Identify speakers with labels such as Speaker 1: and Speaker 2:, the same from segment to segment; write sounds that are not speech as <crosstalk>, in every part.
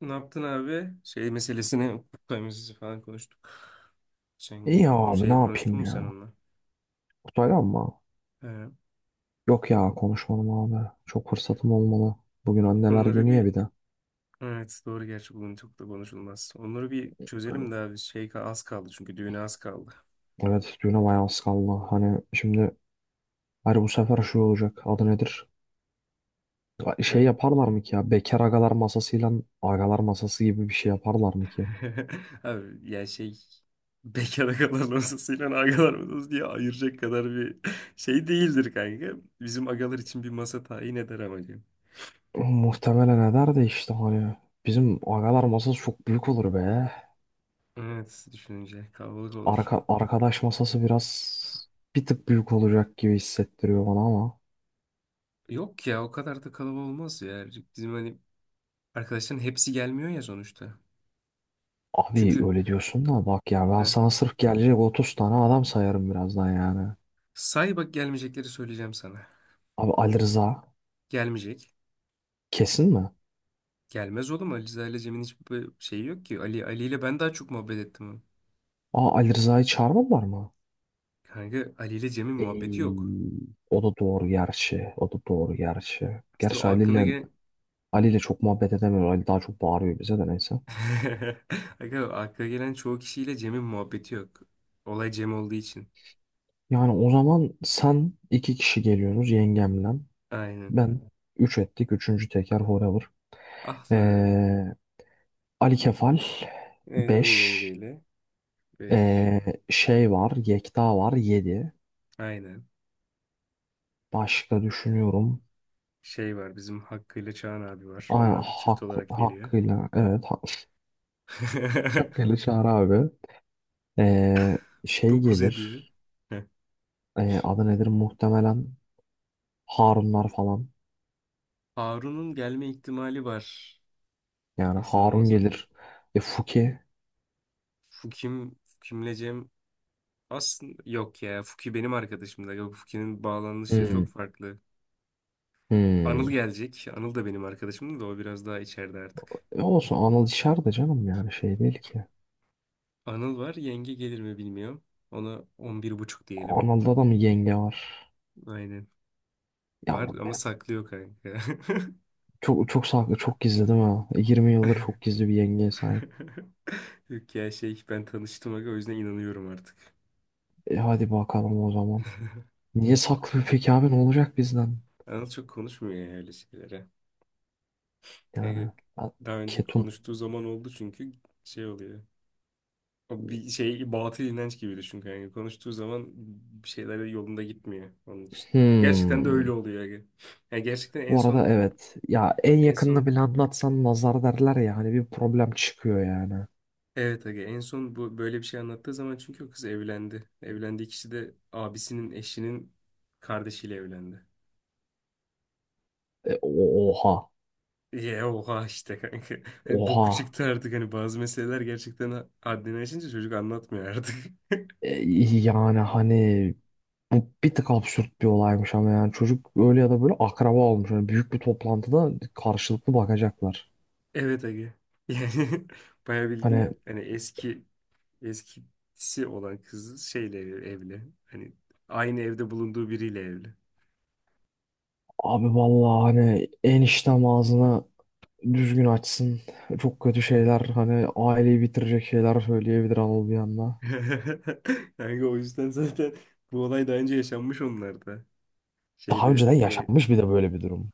Speaker 1: Ne yaptın abi? Şey meselesini, hukuk meselesi falan konuştuk. Geçen
Speaker 2: İyi
Speaker 1: gün
Speaker 2: abi ne
Speaker 1: şey konuştun
Speaker 2: yapayım
Speaker 1: mu sen
Speaker 2: ya.
Speaker 1: onunla?
Speaker 2: Kutay ama
Speaker 1: He.
Speaker 2: yok ya konuşmadım abi. Çok fırsatım olmalı. Bugün anneler
Speaker 1: Onları
Speaker 2: günü ya
Speaker 1: bir,
Speaker 2: bir de.
Speaker 1: evet doğru gerçi bugün çok da konuşulmaz. Onları bir çözelim de abi az kaldı çünkü düğüne az kaldı.
Speaker 2: Evet düğüne bayağı az kaldı. Hani şimdi hani bu sefer şu olacak. Adı nedir? Şey
Speaker 1: Evet.
Speaker 2: yaparlar mı ki ya? Bekar agalar masasıyla agalar masası gibi bir şey yaparlar mı ki?
Speaker 1: <laughs> Abi ya şey bekara kalan masasıyla agalar masası diye ayıracak kadar bir şey değildir kanka. Bizim agalar için bir masa tayin eder amacım.
Speaker 2: Muhtemelen eder de işte hani bizim agalar masası çok büyük olur be.
Speaker 1: Evet düşününce kalabalık olur.
Speaker 2: Arkadaş masası bir tık büyük olacak gibi hissettiriyor bana ama.
Speaker 1: Yok ya o kadar da kalabalık olmaz ya. Bizim hani arkadaşların hepsi gelmiyor ya sonuçta.
Speaker 2: Abi
Speaker 1: Çünkü
Speaker 2: öyle diyorsun da bak ya ben
Speaker 1: he,
Speaker 2: sana sırf gelecek 30 tane adam sayarım birazdan yani.
Speaker 1: say bak gelmeyecekleri söyleyeceğim sana.
Speaker 2: Abi Ali Rıza
Speaker 1: Gelmeyecek.
Speaker 2: kesin mi?
Speaker 1: Gelmez oğlum Ali Rıza ile Cem'in hiçbir şeyi yok ki. Ali ile ben daha çok muhabbet ettim.
Speaker 2: Aa, Ali Rıza'yı çağırmadılar mı?
Speaker 1: Kanka Ali ile Cem'in muhabbeti yok.
Speaker 2: Ey, O da doğru gerçi. O da doğru gerçi.
Speaker 1: İşte
Speaker 2: Gerçi
Speaker 1: o aklına gelen.
Speaker 2: Ali ile çok muhabbet edemiyor. Ali daha çok bağırıyor bize de neyse.
Speaker 1: <laughs> Kanka aklına gelen çoğu kişiyle Cem'in muhabbeti yok. Olay Cem olduğu için.
Speaker 2: Yani o zaman sen iki kişi geliyorsunuz yengemle.
Speaker 1: Aynen.
Speaker 2: Ben üç ettik. Üçüncü teker forever.
Speaker 1: Ah lan.
Speaker 2: Ee, Ali Kefal
Speaker 1: Evet o da
Speaker 2: beş.
Speaker 1: yengeyle. Beş.
Speaker 2: Ee, Şey var. Yekta var 7.
Speaker 1: Aynen.
Speaker 2: Başka düşünüyorum.
Speaker 1: Şey var, bizim Hakkı ile Çağan abi var.
Speaker 2: Aynen
Speaker 1: Onlar da çift
Speaker 2: haklı,
Speaker 1: olarak geliyor.
Speaker 2: hakkıyla evet <laughs> hakkıyla
Speaker 1: <laughs>
Speaker 2: Çağrı abi. Ee, Şey
Speaker 1: 9 ediyor.
Speaker 2: gelir.
Speaker 1: Heh.
Speaker 2: Adı nedir muhtemelen Harunlar falan.
Speaker 1: Harun'un gelme ihtimali var.
Speaker 2: Yani
Speaker 1: Kesin
Speaker 2: Harun
Speaker 1: olmasa da.
Speaker 2: gelir. E, Fuki.
Speaker 1: Fukim'le Cem aslında yok ya. Fuki benim arkadaşım da. Yok, Fuki'nin bağlanışı
Speaker 2: Hmm.
Speaker 1: çok farklı.
Speaker 2: Hmm.
Speaker 1: Anıl gelecek. Anıl da benim arkadaşım da o biraz daha içeride artık.
Speaker 2: E, olsun Anıl dışarıda canım yani şey değil ki.
Speaker 1: Anıl var. Yenge gelir mi bilmiyorum. Ona 11,5 diyelim.
Speaker 2: Anıl'da da mı yenge var?
Speaker 1: Aynen. Var
Speaker 2: Yavrum
Speaker 1: ama
Speaker 2: benim.
Speaker 1: saklıyor kanka.
Speaker 2: Çok çok saklı çok gizli değil mi? 20 yıldır çok gizli bir yengeye sahip.
Speaker 1: <laughs> Yok ya şey, ben tanıştım aga, o yüzden inanıyorum artık.
Speaker 2: E, hadi bakalım o zaman. Niye saklı peki abi ne olacak bizden?
Speaker 1: Anıl çok konuşmuyor ya öyle şeylere. Yani
Speaker 2: Yani a-
Speaker 1: daha önce
Speaker 2: ketum.
Speaker 1: konuştuğu zaman oldu çünkü şey oluyor. O bir şey, batıl inanç gibi düşün kanka. Konuştuğu zaman bir şeyler yolunda gitmiyor onun için. Gerçekten de
Speaker 2: Hmm.
Speaker 1: öyle oluyor aga. Yani gerçekten en
Speaker 2: Bu arada
Speaker 1: son
Speaker 2: evet. Ya en
Speaker 1: en
Speaker 2: yakınını
Speaker 1: son
Speaker 2: bile anlatsan nazar derler ya hani bir problem çıkıyor yani.
Speaker 1: evet aga, en son bu böyle bir şey anlattığı zaman çünkü o kız evlendi. Evlendiği kişi de abisinin eşinin kardeşiyle evlendi.
Speaker 2: Oha.
Speaker 1: Ye oha işte kanka. <laughs> Hani boku
Speaker 2: Oha.
Speaker 1: çıktı artık, hani bazı meseleler gerçekten haddini aşınca çocuk anlatmıyor artık. <laughs>
Speaker 2: E, yani hani bu bir tık absürt bir olaymış ama yani çocuk öyle ya da böyle akraba olmuş. Yani büyük bir toplantıda karşılıklı bakacaklar.
Speaker 1: Evet Ege. Yani <laughs> bayağı
Speaker 2: Hani
Speaker 1: bildiğin hani eski, eskisi olan kız şeyle evli. Hani aynı evde bulunduğu biriyle evli.
Speaker 2: abi vallahi hani eniştem ağzını düzgün açsın. Çok kötü şeyler hani aileyi bitirecek şeyler söyleyebilir Anıl bir anda.
Speaker 1: <laughs> Yani o yüzden zaten bu olay daha önce yaşanmış onlarda.
Speaker 2: Daha
Speaker 1: Şeyde
Speaker 2: önceden yaşanmış bir de böyle bir durum.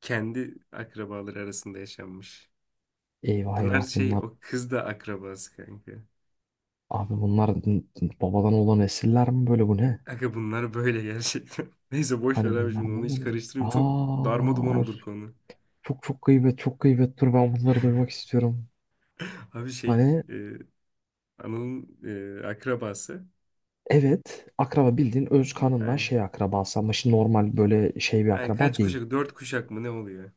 Speaker 1: kendi akrabaları arasında yaşanmış.
Speaker 2: Eyvah
Speaker 1: Bunlar
Speaker 2: eyvah
Speaker 1: şey,
Speaker 2: bunlar.
Speaker 1: o kız da akrabası kanka.
Speaker 2: Abi bunlar babadan olan esirler mi böyle bu ne?
Speaker 1: Kanka bunlar böyle gerçekten. <laughs> Neyse boş ver
Speaker 2: Hani
Speaker 1: abi,
Speaker 2: bunlar
Speaker 1: şimdi onu
Speaker 2: ne
Speaker 1: hiç
Speaker 2: böyle?
Speaker 1: karıştırmayayım. Çok darma duman
Speaker 2: Aa,
Speaker 1: olur konu.
Speaker 2: çok çok gıybet çok gıybet dur ben bunları duymak istiyorum.
Speaker 1: <laughs> Abi şey,
Speaker 2: Hani
Speaker 1: e, Anıl'ın akrabası.
Speaker 2: evet akraba bildiğin öz kanından
Speaker 1: Yani,
Speaker 2: şey akrabası ama şimdi normal böyle şey bir
Speaker 1: yani
Speaker 2: akraba
Speaker 1: kaç
Speaker 2: değil.
Speaker 1: kuşak? Dört kuşak mı ne oluyor?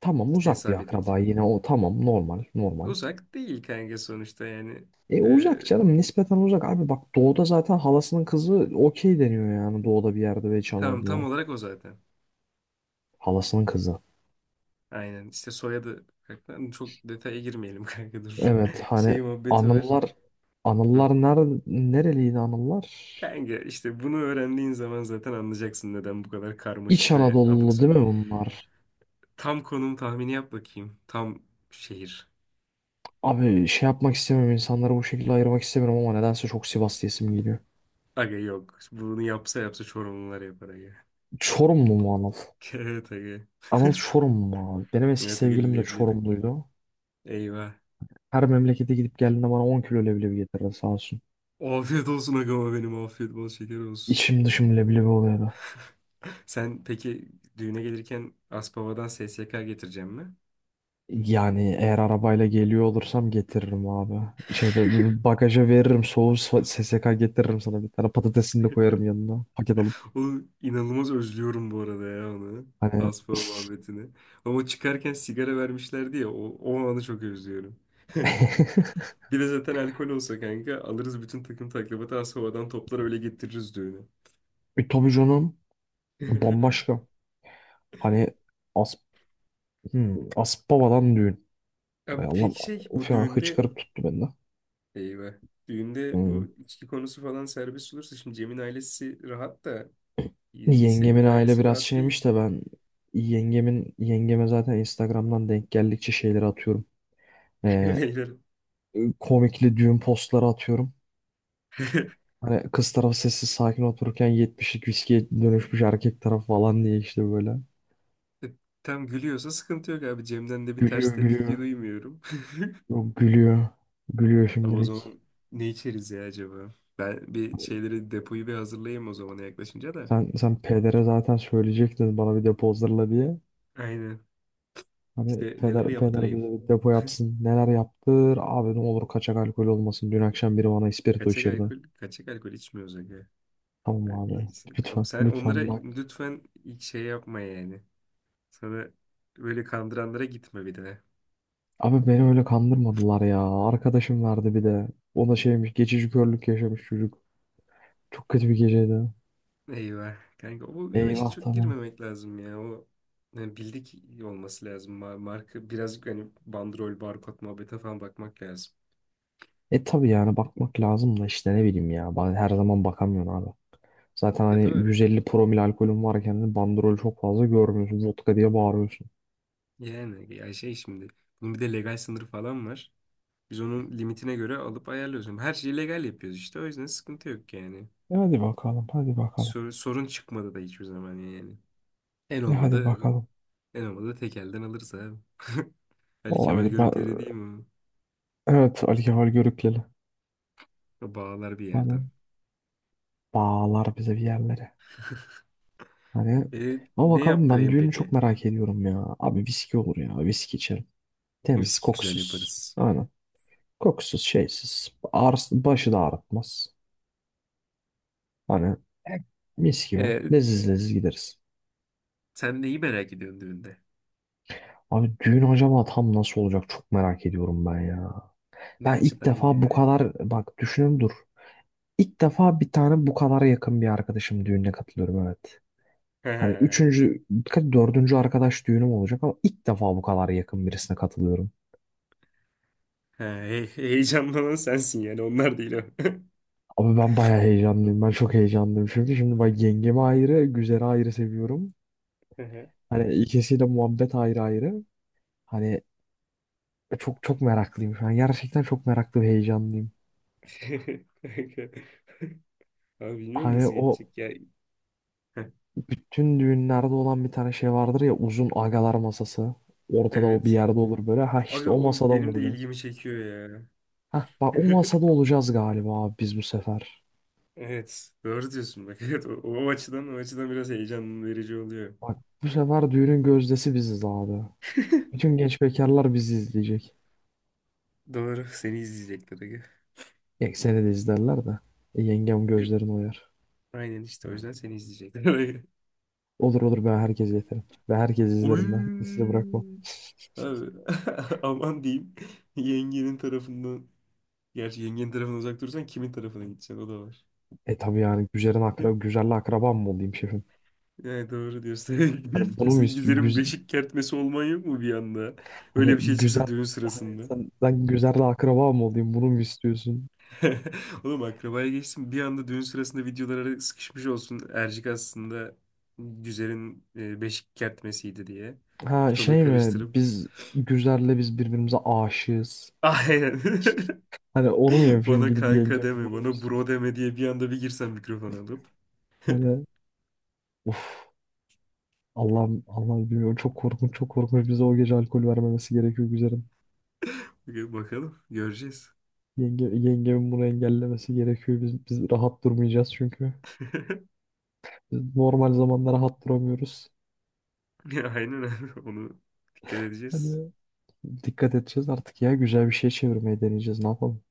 Speaker 2: Tamam
Speaker 1: İşte
Speaker 2: uzak bir
Speaker 1: hesap
Speaker 2: akraba
Speaker 1: edince.
Speaker 2: yine o tamam normal normal.
Speaker 1: Uzak değil kanka sonuçta yani.
Speaker 2: E
Speaker 1: E
Speaker 2: uzak canım nispeten uzak abi bak doğuda zaten halasının kızı okey deniyor yani doğuda bir yerde ve
Speaker 1: tamam, tam
Speaker 2: Çanollu
Speaker 1: olarak o zaten.
Speaker 2: halasının kızı.
Speaker 1: Aynen işte soyadı kanka. Çok detaya girmeyelim kanka, dur.
Speaker 2: Evet
Speaker 1: <laughs> Şey
Speaker 2: hani
Speaker 1: muhabbeti var.
Speaker 2: Anıllar
Speaker 1: Hı.
Speaker 2: Anıllar nerede nereliydi Anıllar?
Speaker 1: Kanka işte bunu öğrendiğin zaman zaten anlayacaksın neden bu kadar
Speaker 2: İç
Speaker 1: karmaşık ve abuk
Speaker 2: Anadolu'lu değil
Speaker 1: subuk.
Speaker 2: mi bunlar?
Speaker 1: Tam konum tahmini yap bakayım. Tam şehir.
Speaker 2: Abi şey yapmak istemiyorum insanları bu şekilde ayırmak istemiyorum ama nedense çok Sivas diyesim geliyor.
Speaker 1: Aga yok. Bunu yapsa yapsa Çorumlular yapar aga. <laughs>
Speaker 2: Çorumlu mu Anıl?
Speaker 1: Evet aga.
Speaker 2: Anıl Çorumlu mu abi? Benim eski
Speaker 1: Ya da gel
Speaker 2: sevgilim de
Speaker 1: leblebi.
Speaker 2: Çorumluydu.
Speaker 1: Eyvah.
Speaker 2: Her memlekete gidip geldiğinde bana 10 kilo leblebi getirirdi sağ olsun.
Speaker 1: Afiyet olsun agama benim, afiyet bol şeker olsun.
Speaker 2: İçim dışım leblebi oluyordu.
Speaker 1: Sen peki düğüne gelirken Aspava'dan SSK getireceğim mi?
Speaker 2: Yani eğer arabayla geliyor olursam getiririm abi. Şeyde bagaja veririm SSK getiririm sana bir tane patatesini de koyarım yanına paket alıp.
Speaker 1: O, inanılmaz özlüyorum bu arada ya onu.
Speaker 2: Hani
Speaker 1: Aspava muhabbetini. Ama çıkarken sigara vermişlerdi ya, o, o anı çok özlüyorum. <laughs>
Speaker 2: <laughs>
Speaker 1: Bir de zaten alkol olsa kanka alırız bütün takım taklabatı, Aspava'dan toplar öyle getiririz düğüne.
Speaker 2: tabii canım
Speaker 1: <laughs>
Speaker 2: bambaşka. Hani as Aspava'dan düğün. Ay
Speaker 1: Ya
Speaker 2: Allah'ım
Speaker 1: peki şey,
Speaker 2: uf
Speaker 1: bu
Speaker 2: ya
Speaker 1: düğünde
Speaker 2: hıçkırık tuttu bende.
Speaker 1: eyvah. Düğünde bu
Speaker 2: Hmm.
Speaker 1: içki konusu falan serbest olursa şimdi Cem'in ailesi rahat da
Speaker 2: Yengemin
Speaker 1: Selin'in
Speaker 2: aile
Speaker 1: ailesi
Speaker 2: biraz
Speaker 1: rahat
Speaker 2: şeymiş
Speaker 1: değil.
Speaker 2: de ben yengeme zaten Instagram'dan denk geldikçe şeyleri atıyorum.
Speaker 1: <laughs>
Speaker 2: Ee,
Speaker 1: Beyler.
Speaker 2: Komikli düğün postları atıyorum.
Speaker 1: <laughs>
Speaker 2: Hani kız tarafı sessiz sakin otururken 70'lik viskiye dönüşmüş erkek tarafı falan diye işte böyle.
Speaker 1: Tam gülüyorsa sıkıntı yok abi. Cem'den de bir ters
Speaker 2: Gülüyor
Speaker 1: tepki
Speaker 2: gülüyor.
Speaker 1: duymuyorum.
Speaker 2: Yok, gülüyor. Gülüyor
Speaker 1: <laughs> Ama o
Speaker 2: şimdilik.
Speaker 1: zaman ne içeriz ya acaba? Ben bir şeyleri, depoyu bir hazırlayayım o zamana yaklaşınca da.
Speaker 2: Sen pedere zaten söyleyecektin bana bir depo hazırla diye.
Speaker 1: Aynen.
Speaker 2: Hani
Speaker 1: İşte neler
Speaker 2: peder
Speaker 1: yaptırayım.
Speaker 2: bize bir depo yapsın. Neler yaptır? Abi ne olur kaçak alkol olmasın. Dün akşam biri bana ispirto
Speaker 1: Kaçak
Speaker 2: içirdi.
Speaker 1: alkol, kaçak alkol içmiyoruz aga.
Speaker 2: Tamam
Speaker 1: Ben iyi-
Speaker 2: abi.
Speaker 1: Ama
Speaker 2: Lütfen
Speaker 1: sen onlara
Speaker 2: lütfen bak.
Speaker 1: lütfen ilk şey yapma yani. Sana böyle kandıranlara gitme bir de.
Speaker 2: Abi beni öyle kandırmadılar ya. Arkadaşım vardı bir de. O da şeymiş geçici körlük yaşamış çocuk. Çok kötü bir geceydi.
Speaker 1: Eyvah. Kanka o, o işe
Speaker 2: Eyvah
Speaker 1: çok
Speaker 2: tabii.
Speaker 1: girmemek lazım ya. O yani bildik olması lazım. Marka, birazcık hani bandrol, barkod muhabbete falan bakmak lazım.
Speaker 2: E tabii yani bakmak lazım da işte ne bileyim ya. Ben her zaman bakamıyorum abi. Zaten
Speaker 1: Ya
Speaker 2: hani
Speaker 1: doğru.
Speaker 2: 150 promil alkolün varken de bandrol çok fazla görmüyorsun. Vodka diye bağırıyorsun.
Speaker 1: Yani ya şey, şimdi bunun bir de legal sınırı falan var. Biz onun limitine göre alıp ayarlıyoruz. Ama her şeyi legal yapıyoruz işte. O yüzden sıkıntı yok yani.
Speaker 2: E hadi bakalım, hadi bakalım.
Speaker 1: Sorun çıkmadı da hiçbir zaman yani. En
Speaker 2: E hadi
Speaker 1: olmadı
Speaker 2: bakalım.
Speaker 1: en olmadı tek elden alırız abi. <laughs> Ali Kemal
Speaker 2: Olabilir.
Speaker 1: Görükleri değil mi?
Speaker 2: Evet, alkol görükleli.
Speaker 1: O? O Bağlar bir yerden.
Speaker 2: Hani bağlar bize bir yerlere. Hani
Speaker 1: E,
Speaker 2: ama
Speaker 1: ne
Speaker 2: bakalım ben
Speaker 1: yaptırayım
Speaker 2: düğünü
Speaker 1: peki?
Speaker 2: çok merak ediyorum ya. Abi viski olur ya. Viski içerim. Temiz,
Speaker 1: Viski güzel
Speaker 2: kokusuz.
Speaker 1: yaparız.
Speaker 2: Aynen. Kokusuz, şeysiz. Ağrısı, başı da ağrıtmaz. Hani mis gibi.
Speaker 1: Ee,
Speaker 2: Leziz leziz gideriz.
Speaker 1: sen neyi merak ediyorsun düğünde?
Speaker 2: Abi düğün acaba tam nasıl olacak çok merak ediyorum ben ya.
Speaker 1: Ne
Speaker 2: Ben ilk
Speaker 1: açıdan
Speaker 2: defa bu
Speaker 1: yani?
Speaker 2: kadar bak düşünün dur. İlk defa bir tane bu kadar yakın bir arkadaşım düğününe katılıyorum evet. Hani
Speaker 1: He,
Speaker 2: dördüncü arkadaş düğünüm olacak ama ilk defa bu kadar yakın birisine katılıyorum.
Speaker 1: heyecanlanan sensin yani, onlar değil o. <laughs>
Speaker 2: Abi ben bayağı heyecanlıyım. Ben çok heyecanlıyım çünkü şimdi bak yengemi ayrı, güzeli ayrı seviyorum.
Speaker 1: He,
Speaker 2: Hani ikisiyle muhabbet ayrı ayrı. Hani çok çok meraklıyım şu an. Gerçekten çok meraklı ve heyecanlıyım.
Speaker 1: he. <laughs> Abi bilmiyorum
Speaker 2: Hani
Speaker 1: nasıl
Speaker 2: o,
Speaker 1: geçecek ya. Heh,
Speaker 2: bütün düğünlerde olan bir tane şey vardır ya uzun agalar masası. Ortada o bir
Speaker 1: Evet.
Speaker 2: yerde olur böyle. Ha işte
Speaker 1: Abi
Speaker 2: o
Speaker 1: o
Speaker 2: masada mı
Speaker 1: benim de
Speaker 2: olacağız?
Speaker 1: ilgimi çekiyor ya.
Speaker 2: Ha bak o
Speaker 1: <laughs>
Speaker 2: masada olacağız galiba abi biz bu sefer.
Speaker 1: Evet. Doğru diyorsun bak. Evet, o açıdan, biraz heyecan verici oluyor.
Speaker 2: Bak bu sefer düğünün gözdesi biziz abi. Bütün genç bekarlar bizi izleyecek.
Speaker 1: Doğru. Seni izleyecekler aga.
Speaker 2: Ya seni de izlerler de. E, yengem gözlerini oyar.
Speaker 1: Aynen işte o yüzden seni izleyecekler.
Speaker 2: Olur olur ben herkese yeterim. Ve herkes
Speaker 1: <laughs> Oy.
Speaker 2: izlerim ben. Sizi bırakmam.
Speaker 1: Abi <laughs> aman diyeyim, yengenin tarafından, gerçi yengenin tarafından uzak durursan kimin tarafına gideceksin, o da var.
Speaker 2: E tabii yani
Speaker 1: <laughs>
Speaker 2: güzelle akrabam mı olayım şefim?
Speaker 1: Yani doğru diyorsun.
Speaker 2: Hani
Speaker 1: <laughs>
Speaker 2: bunu mu
Speaker 1: Sen
Speaker 2: istiyor?
Speaker 1: Gizer'in beşik kertmesi olman yok mu bir anda? Öyle
Speaker 2: Hani
Speaker 1: bir şey çıksa düğün sırasında.
Speaker 2: ben Güzer'le akraba mı olayım bunu mu istiyorsun?
Speaker 1: <laughs> Oğlum akrabaya geçtim. Bir anda düğün sırasında videolara sıkışmış olsun Ercik, aslında güzelin beşik kertmesiydi diye.
Speaker 2: Ha
Speaker 1: Ortalığı
Speaker 2: şey mi
Speaker 1: karıştırıp.
Speaker 2: biz Güzer'le biz birbirimize aşığız.
Speaker 1: Aynen.
Speaker 2: Hani onu mu
Speaker 1: <laughs>
Speaker 2: yapayım
Speaker 1: Bana
Speaker 2: gidip
Speaker 1: kanka
Speaker 2: yengemi
Speaker 1: deme,
Speaker 2: bunu mu
Speaker 1: bana bro
Speaker 2: istiyorsun?
Speaker 1: deme diye bir anda bir girsen mikrofon alıp.
Speaker 2: Hani of Allah'ım Allah'ım bilmiyorum çok korkunç çok korkunç bize o gece alkol vermemesi gerekiyor Güzer'in.
Speaker 1: Bakalım göreceğiz.
Speaker 2: Yengemin bunu engellemesi gerekiyor. Biz rahat durmayacağız çünkü.
Speaker 1: <laughs>
Speaker 2: Biz normal zamanda rahat duramıyoruz.
Speaker 1: Aynen abi, onu dikkat edeceğiz.
Speaker 2: Hani dikkat edeceğiz artık ya güzel bir şey çevirmeye deneyeceğiz ne yapalım.